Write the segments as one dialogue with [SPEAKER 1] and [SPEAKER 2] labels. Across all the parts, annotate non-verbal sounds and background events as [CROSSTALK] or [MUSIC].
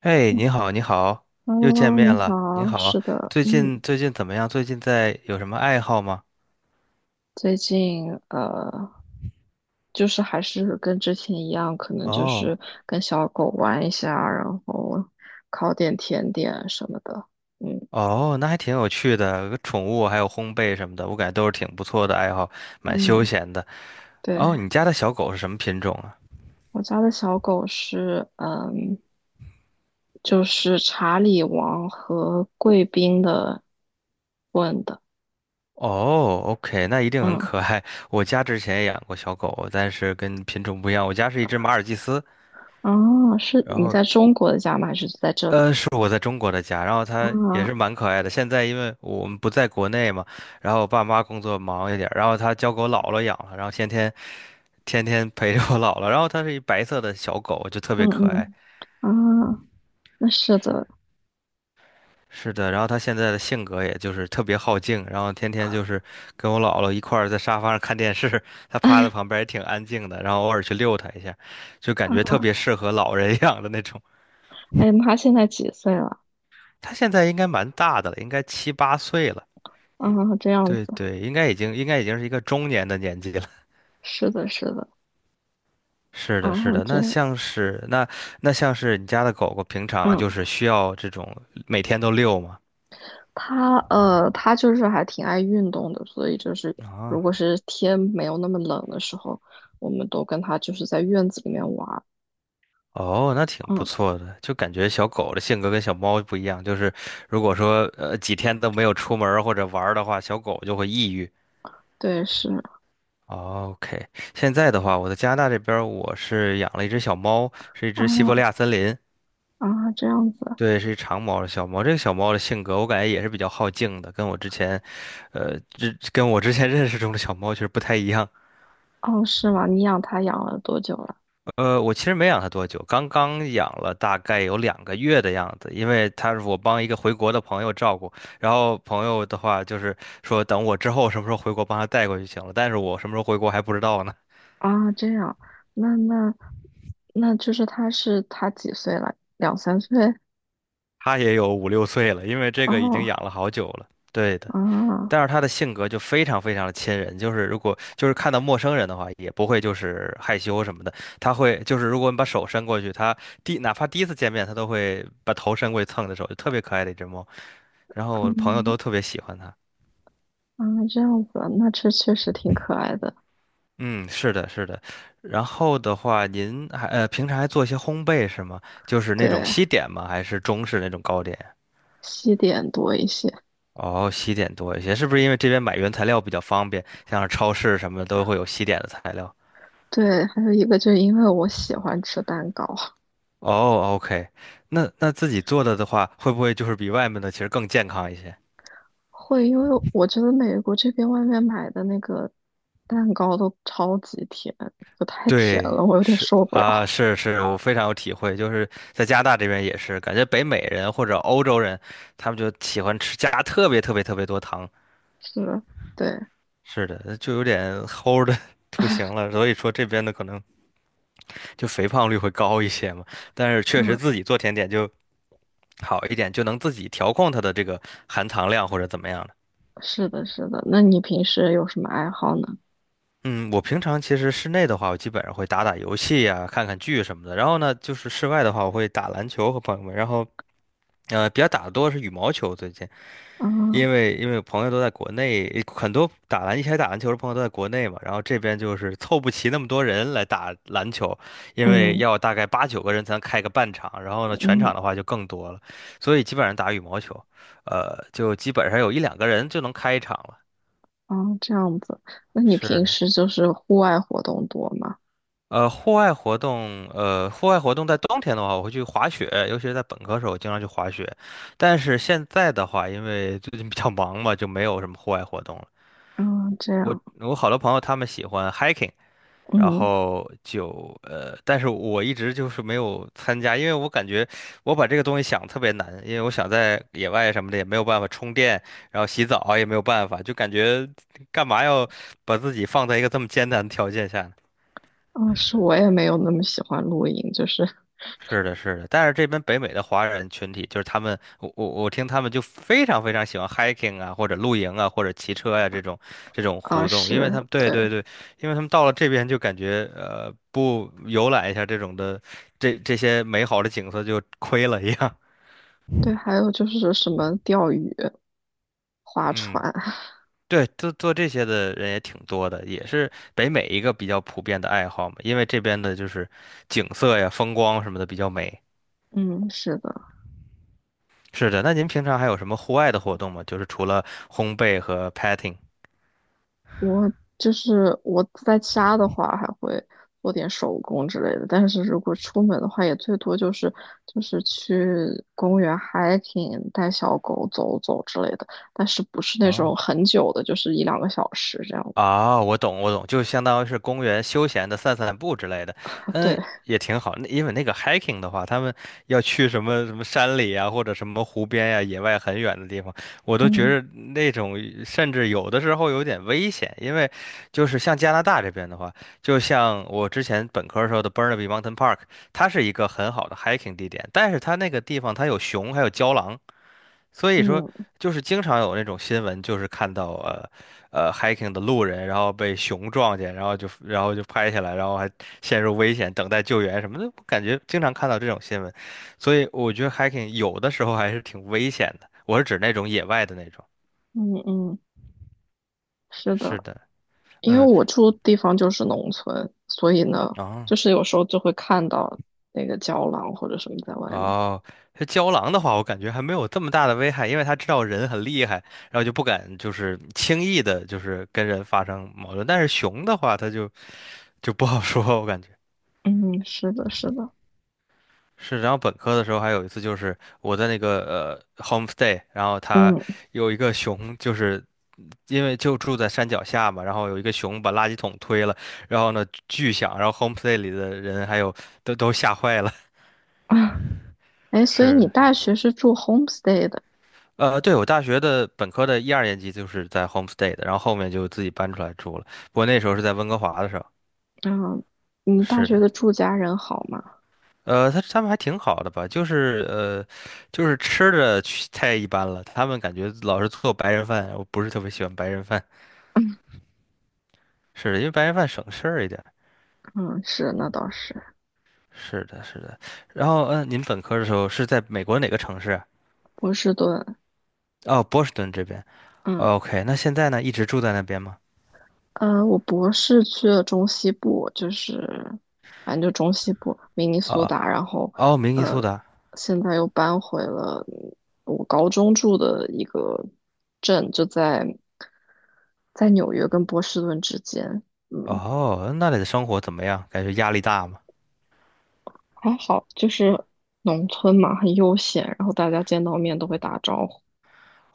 [SPEAKER 1] 哎，你好，你好，又见
[SPEAKER 2] Hello，你
[SPEAKER 1] 面了。你
[SPEAKER 2] 好，
[SPEAKER 1] 好，
[SPEAKER 2] 是的，
[SPEAKER 1] 最
[SPEAKER 2] 嗯，
[SPEAKER 1] 近最近怎么样？最近在有什么爱好吗？
[SPEAKER 2] 最近就是还是跟之前一样，可能就是
[SPEAKER 1] 哦
[SPEAKER 2] 跟小狗玩一下，然后烤点甜点什么的。嗯
[SPEAKER 1] 哦，那还挺有趣的，宠物还有烘焙什么的，我感觉都是挺不错的爱好，蛮休
[SPEAKER 2] 嗯，
[SPEAKER 1] 闲的。
[SPEAKER 2] 对，
[SPEAKER 1] 哦，你家的小狗是什么品种啊？
[SPEAKER 2] 我家的小狗是就是查理王和贵宾的混的。
[SPEAKER 1] 哦，OK，那一定很
[SPEAKER 2] 嗯，
[SPEAKER 1] 可爱。我家之前也养过小狗，但是跟品种不一样，我家是一只马尔济斯。
[SPEAKER 2] 啊，是
[SPEAKER 1] 然
[SPEAKER 2] 你
[SPEAKER 1] 后。
[SPEAKER 2] 在中国的家吗？还是在这里？
[SPEAKER 1] 是我在中国的家，然后它也
[SPEAKER 2] 啊，
[SPEAKER 1] 是蛮可爱的。现在因为我们不在国内嘛，然后我爸妈工作忙一点儿，然后它交给我姥姥养了，然后天天陪着我姥姥。然后它是一白色的小狗，就特
[SPEAKER 2] 嗯
[SPEAKER 1] 别可爱。
[SPEAKER 2] 嗯，啊，那是的。
[SPEAKER 1] 是的，然后它现在的性格也就是特别好静，然后天天就是跟我姥姥一块儿在沙发上看电视，它
[SPEAKER 2] [LAUGHS]
[SPEAKER 1] 趴在
[SPEAKER 2] 哎。
[SPEAKER 1] 旁边也挺安静的，然后偶尔去遛它一下，就感觉特别适合老人养的那种。
[SPEAKER 2] 哎，妈现在几岁了？
[SPEAKER 1] 它现在应该蛮大的了，应该七八岁了。
[SPEAKER 2] 啊，这样子。
[SPEAKER 1] 对对，应该已经是一个中年的年纪了。
[SPEAKER 2] 是的，是的。
[SPEAKER 1] [LAUGHS] 是的，是
[SPEAKER 2] 嗯，
[SPEAKER 1] 的。
[SPEAKER 2] 这，
[SPEAKER 1] 那像是你家的狗狗，平常
[SPEAKER 2] 嗯，
[SPEAKER 1] 就是需要这种每天都遛吗？
[SPEAKER 2] 他就是还挺爱运动的，所以就是如
[SPEAKER 1] 啊，
[SPEAKER 2] 果是天没有那么冷的时候，我们都跟他就是在院子里面玩儿。
[SPEAKER 1] 哦，那挺不
[SPEAKER 2] 嗯，
[SPEAKER 1] 错的。就感觉小狗的性格跟小猫不一样，就是如果说几天都没有出门儿或者玩儿的话，小狗就会抑郁。
[SPEAKER 2] 对，是
[SPEAKER 1] 哦， OK，现在的话，我在加拿大这边儿我是养了一只小猫，是一只西伯利亚
[SPEAKER 2] 啊。
[SPEAKER 1] 森林。
[SPEAKER 2] 啊，这样子。
[SPEAKER 1] 对，是一长毛的小猫。这个小猫的性格，我感觉也是比较好静的，跟我之前 [LAUGHS] 认识中的小猫其实不太一样。
[SPEAKER 2] 哦，是吗？你养他养了多久了？
[SPEAKER 1] 我其实没养它多久，刚刚养了大概有2个月的样子，因为它是我帮一个回国的朋友照顾，然后朋友的话就是说等我之后什么时候回国帮他带过去行了，但是我什么时候回国还不知道呢。
[SPEAKER 2] 啊，这样。那那就是他几岁了？两三岁？
[SPEAKER 1] 它也有五六岁了，因为这个已经养
[SPEAKER 2] 哦，
[SPEAKER 1] 了好久了。对的。
[SPEAKER 2] 啊，
[SPEAKER 1] 但是他的性格就非常非常的亲人，就是如果就是看到陌生人的话，也不会就是害羞什么的，他会就是如果你把手伸过去，他哪怕第一次见面，他都会把头伸过去蹭你的手，就特别可爱的一只猫。然后我的朋友
[SPEAKER 2] 嗯。
[SPEAKER 1] 都特别喜欢它。
[SPEAKER 2] 啊，这样子啊，那这确实挺可爱的。
[SPEAKER 1] 嗯，是的，是的。然后的话，您还平常还做一些烘焙是吗？就是那种
[SPEAKER 2] 对，
[SPEAKER 1] 西点吗？还是中式那种糕点？
[SPEAKER 2] 西点多一些。
[SPEAKER 1] 哦，西点多一些，是不是因为这边买原材料比较方便，像是超市什么的都会有西点的材料？
[SPEAKER 2] 对，还有一个就是因为我喜欢吃蛋糕。
[SPEAKER 1] 哦，OK，那自己做的的话，会不会就是比外面的其实更健康一些？
[SPEAKER 2] [LAUGHS] 会，因为我觉得美国这边外面买的那个蛋糕都超级甜，就太甜
[SPEAKER 1] 对，
[SPEAKER 2] 了，我有点
[SPEAKER 1] 是
[SPEAKER 2] 受不
[SPEAKER 1] 啊，
[SPEAKER 2] 了。
[SPEAKER 1] 是是，我非常有体会，就是在加拿大这边也是，感觉北美人或者欧洲人，他们就喜欢吃加特别特别特别多糖，
[SPEAKER 2] 是，对，
[SPEAKER 1] 是的，就有点齁的 [LAUGHS] 不行了，所以说这边的可能就肥胖率会高一些嘛，但是确实
[SPEAKER 2] 嗯，
[SPEAKER 1] 自己做甜点就好一点，就能自己调控它的这个含糖量或者怎么样。
[SPEAKER 2] 是的，是的。那你平时有什么爱好呢？
[SPEAKER 1] 嗯，我平常其实室内的话，我基本上会打打游戏呀、看看剧什么的。然后呢，就是室外的话，我会打篮球和朋友们。然后，比较打的多是羽毛球，最近，因
[SPEAKER 2] 啊，
[SPEAKER 1] 为因为朋友都在国内，很多一起来打篮球的朋友都在国内嘛。然后这边就是凑不齐那么多人来打篮球，因为
[SPEAKER 2] 嗯
[SPEAKER 1] 要大概八九个人才能开个半场，然后呢，全
[SPEAKER 2] 嗯。
[SPEAKER 1] 场的话就更多了，所以基本上打羽毛球，就基本上有一两个人就能开一场了。
[SPEAKER 2] 啊，这样子。那你
[SPEAKER 1] 是
[SPEAKER 2] 平
[SPEAKER 1] 的。
[SPEAKER 2] 时就是户外活动多吗？
[SPEAKER 1] 户外活动在冬天的话，我会去滑雪，尤其是在本科时候，我经常去滑雪。但是现在的话，因为最近比较忙嘛，就没有什么户外活动了。
[SPEAKER 2] 嗯，这
[SPEAKER 1] 我
[SPEAKER 2] 样。
[SPEAKER 1] 我好多朋友他们喜欢 hiking，然
[SPEAKER 2] 嗯。
[SPEAKER 1] 后就呃，但是我一直就是没有参加，因为我感觉我把这个东西想特别难，因为我想在野外什么的也没有办法充电，然后洗澡也没有办法，就感觉干嘛要把自己放在一个这么艰难的条件下呢？
[SPEAKER 2] 嗯，是，我也没有那么喜欢露营，就是
[SPEAKER 1] 是的，是的，但是这边北美的华人群体，就是他们，我听他们就非常非常喜欢 hiking 啊，或者露营啊，或者骑车呀、这种
[SPEAKER 2] 啊，
[SPEAKER 1] 活动，因为
[SPEAKER 2] 是
[SPEAKER 1] 他们对
[SPEAKER 2] 对。
[SPEAKER 1] 对对，因为他们到了这边就感觉不游览一下这些美好的景色就亏了一样。
[SPEAKER 2] 对，还有就是什么钓鱼、
[SPEAKER 1] [LAUGHS]
[SPEAKER 2] 划
[SPEAKER 1] 嗯，
[SPEAKER 2] 船。[LAUGHS]
[SPEAKER 1] 对，做做这些的人也挺多的，也是北美一个比较普遍的爱好嘛，因为这边的就是景色呀、风光什么的比较美。
[SPEAKER 2] 嗯，是的。
[SPEAKER 1] 是的，那您平常还有什么户外的活动吗？就是除了烘焙和 petting。
[SPEAKER 2] 就是我在家的话还会做点手工之类的，但是如果出门的话，也最多就是就是去公园 hiking,带小狗走走之类的，但是不是那
[SPEAKER 1] 哦，
[SPEAKER 2] 种很久的，就是一两个小时这样。
[SPEAKER 1] 啊，我懂我懂，就相当于是公园休闲的散散步之类的，
[SPEAKER 2] 啊对，
[SPEAKER 1] 嗯，也挺好。那因为那个 hiking 的话，他们要去什么什么山里啊，或者什么湖边呀、野外很远的地方，我都觉
[SPEAKER 2] 嗯
[SPEAKER 1] 着那种甚至有的时候有点危险，因为就是像加拿大这边的话，就像我之前本科时候的 Burnaby Mountain Park，它是一个很好的 hiking 地点，但是它那个地方它有熊还有郊狼。所以说，
[SPEAKER 2] 嗯。
[SPEAKER 1] 就是经常有那种新闻，就是看到hiking 的路人，然后被熊撞见，然后就拍下来，然后还陷入危险，等待救援什么的。我感觉经常看到这种新闻，所以我觉得 hiking 有的时候还是挺危险的。我是指那种野外的那种。
[SPEAKER 2] 嗯嗯，是
[SPEAKER 1] 是
[SPEAKER 2] 的。
[SPEAKER 1] 的，
[SPEAKER 2] 因为
[SPEAKER 1] 嗯，
[SPEAKER 2] 我住的地方就是农村，所以呢，
[SPEAKER 1] 哦
[SPEAKER 2] 就是有时候就会看到那个胶囊或者什么在外面。
[SPEAKER 1] 哦，这郊狼的话，我感觉还没有这么大的危害，因为他知道人很厉害，然后就不敢就是轻易的，就是跟人发生矛盾。但是熊的话，它就不好说，我感觉。
[SPEAKER 2] 嗯，是的，是的。
[SPEAKER 1] 是，然后本科的时候还有一次，就是我在那个homestay，然后他
[SPEAKER 2] 嗯。
[SPEAKER 1] 有一个熊，就是因为就住在山脚下嘛，然后有一个熊把垃圾桶推了，然后呢巨响，然后 homestay 里的人还有都吓坏了。
[SPEAKER 2] 啊，哎，
[SPEAKER 1] [LAUGHS]
[SPEAKER 2] 所以
[SPEAKER 1] 是
[SPEAKER 2] 你
[SPEAKER 1] 的，
[SPEAKER 2] 大学是住 homestay 的。
[SPEAKER 1] 对，我大学的本科的一二年级就是在 homestay 的，然后后面就自己搬出来住了，不过那时候是在温哥华的时候。
[SPEAKER 2] 嗯，你大
[SPEAKER 1] 是
[SPEAKER 2] 学
[SPEAKER 1] 的。
[SPEAKER 2] 的住家人好吗？
[SPEAKER 1] 他们还挺好的吧，就是吃的去太一般了，他们感觉老是做白人饭，我不是特别喜欢白人饭，是的，因为白人饭省事儿一点。
[SPEAKER 2] 嗯，是，那倒是。
[SPEAKER 1] 是的，是的。然后，您本科的时候是在美国哪个城市啊？
[SPEAKER 2] 波士顿。
[SPEAKER 1] 哦，波士顿这边。
[SPEAKER 2] 嗯。
[SPEAKER 1] OK，那现在呢，一直住在那边吗？
[SPEAKER 2] 呃，我博士去了中西部，就是反正就中西部，明尼苏
[SPEAKER 1] 啊、
[SPEAKER 2] 达。然后
[SPEAKER 1] 哦，明尼
[SPEAKER 2] 呃，
[SPEAKER 1] 苏达。
[SPEAKER 2] 现在又搬回了我高中住的一个镇，就在在纽约跟波士顿之间。嗯，
[SPEAKER 1] 哦，那里的生活怎么样？感觉压力大吗？
[SPEAKER 2] 还好，就是农村嘛，很悠闲，然后大家见到面都会打招呼，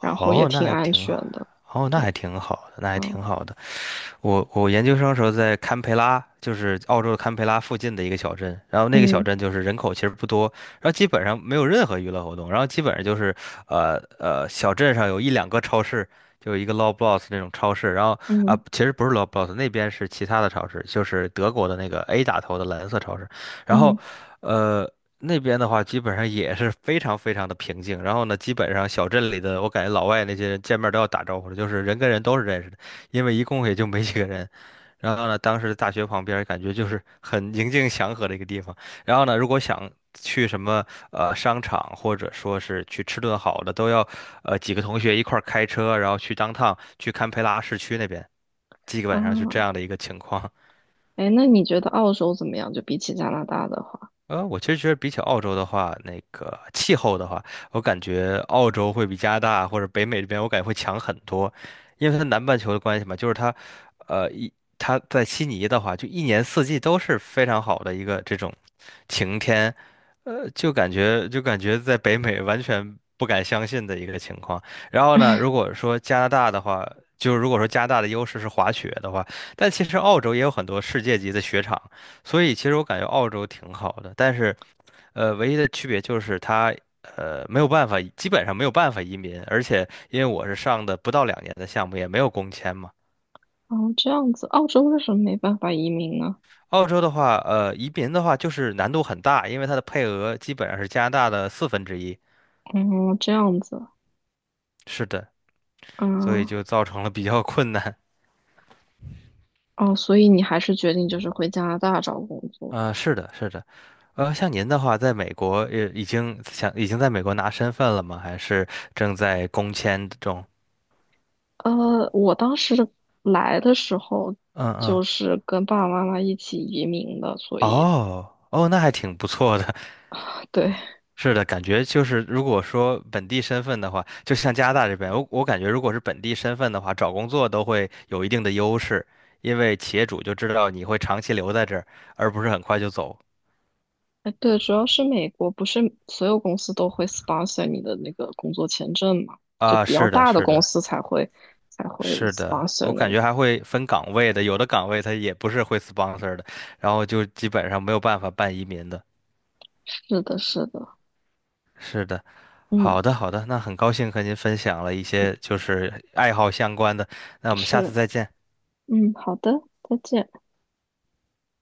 [SPEAKER 2] 然后也
[SPEAKER 1] 那
[SPEAKER 2] 挺
[SPEAKER 1] 还
[SPEAKER 2] 安
[SPEAKER 1] 挺
[SPEAKER 2] 全
[SPEAKER 1] 好。
[SPEAKER 2] 的。
[SPEAKER 1] 哦，那
[SPEAKER 2] 对，
[SPEAKER 1] 还挺好的，那还
[SPEAKER 2] 嗯
[SPEAKER 1] 挺好的。我研究生时候在堪培拉，就是澳洲的堪培拉附近的一个小镇，然后那个小
[SPEAKER 2] 嗯。
[SPEAKER 1] 镇就是人口其实不多，然后基本上没有任何娱乐活动，然后基本上就是小镇上有一两个超市，就有一个 Loblaws 那种超市，然后啊、
[SPEAKER 2] 嗯
[SPEAKER 1] 其实不是 Loblaws 那边是其他的超市，就是德国的那个 A 打头的蓝色超市，然后
[SPEAKER 2] 嗯。
[SPEAKER 1] 呃。那边的话，基本上也是非常非常的平静。然后呢，基本上小镇里的，我感觉老外那些人见面都要打招呼的，就是人跟人都是认识的。因为一共也就没几个人。然后呢，当时大学旁边儿感觉就是很宁静祥和的一个地方。然后呢，如果想去什么商场，或者说是去吃顿好的，都要几个同学一块儿开车，然后去当趟去堪培拉市区那边，基本上是这样
[SPEAKER 2] 啊。
[SPEAKER 1] 的一个情况。
[SPEAKER 2] 哎，那你觉得澳洲怎么样？就比起加拿大的话，
[SPEAKER 1] 我其实觉得比起澳洲的话，那个气候的话，我感觉澳洲会比加拿大或者北美这边，我感觉会强很多，因为它南半球的关系嘛，就是它，呃，一它在悉尼的话，就一年四季都是非常好的一个这种晴天，就感觉在北美完全不敢相信的一个情况。然后呢，如果说加拿大的话，就是如果说加拿大的优势是滑雪的话，但其实澳洲也有很多世界级的雪场。所以其实我感觉澳洲挺好的，但是唯一的区别就是它没有办法，基本上没有办法移民，而且因为我是上的不到两年的项目，也没有工签嘛。
[SPEAKER 2] 哦，这样子，澳洲为什么没办法移民呢？
[SPEAKER 1] 澳洲的话，移民的话就是难度很大，因为它的配额基本上是加拿大的四分之一。
[SPEAKER 2] 哦，这样子。
[SPEAKER 1] 是的，所以
[SPEAKER 2] 嗯。
[SPEAKER 1] 就造成了比较困难。
[SPEAKER 2] 哦，所以你还是决定就是回加拿大找工作。
[SPEAKER 1] 是的，是的。像您的话，在美国已经在美国拿身份了吗？还是正在工签中？
[SPEAKER 2] 我当时来的时候
[SPEAKER 1] 嗯嗯。
[SPEAKER 2] 就是跟爸爸妈妈一起移民的，所以
[SPEAKER 1] 哦哦，那还挺不错的。
[SPEAKER 2] 对。
[SPEAKER 1] [LAUGHS] 是的，感觉就是如果说本地身份的话，就像加拿大这边，我感觉如果是本地身份的话，找工作都会有一定的优势，因为企业主就知道你会长期留在这儿，而不是很快就走。
[SPEAKER 2] 哎对，主要是美国不是所有公司都会 sponsor 你的那个工作签证嘛，就
[SPEAKER 1] 啊，
[SPEAKER 2] 比较
[SPEAKER 1] 是的，
[SPEAKER 2] 大的
[SPEAKER 1] 是
[SPEAKER 2] 公
[SPEAKER 1] 的。
[SPEAKER 2] 司才会才会
[SPEAKER 1] 是的，
[SPEAKER 2] sponsor
[SPEAKER 1] 我
[SPEAKER 2] 那
[SPEAKER 1] 感
[SPEAKER 2] 个。
[SPEAKER 1] 觉还会分岗位的，有的岗位它也不是会 sponsor 的，然后就基本上没有办法办移民的。
[SPEAKER 2] 是的，是的，
[SPEAKER 1] 是的，
[SPEAKER 2] 嗯。
[SPEAKER 1] 好的，好的，那很高兴和您分享了一些就是爱好相关的，那我们下次
[SPEAKER 2] 是，
[SPEAKER 1] 再见。
[SPEAKER 2] 嗯，好的，再见。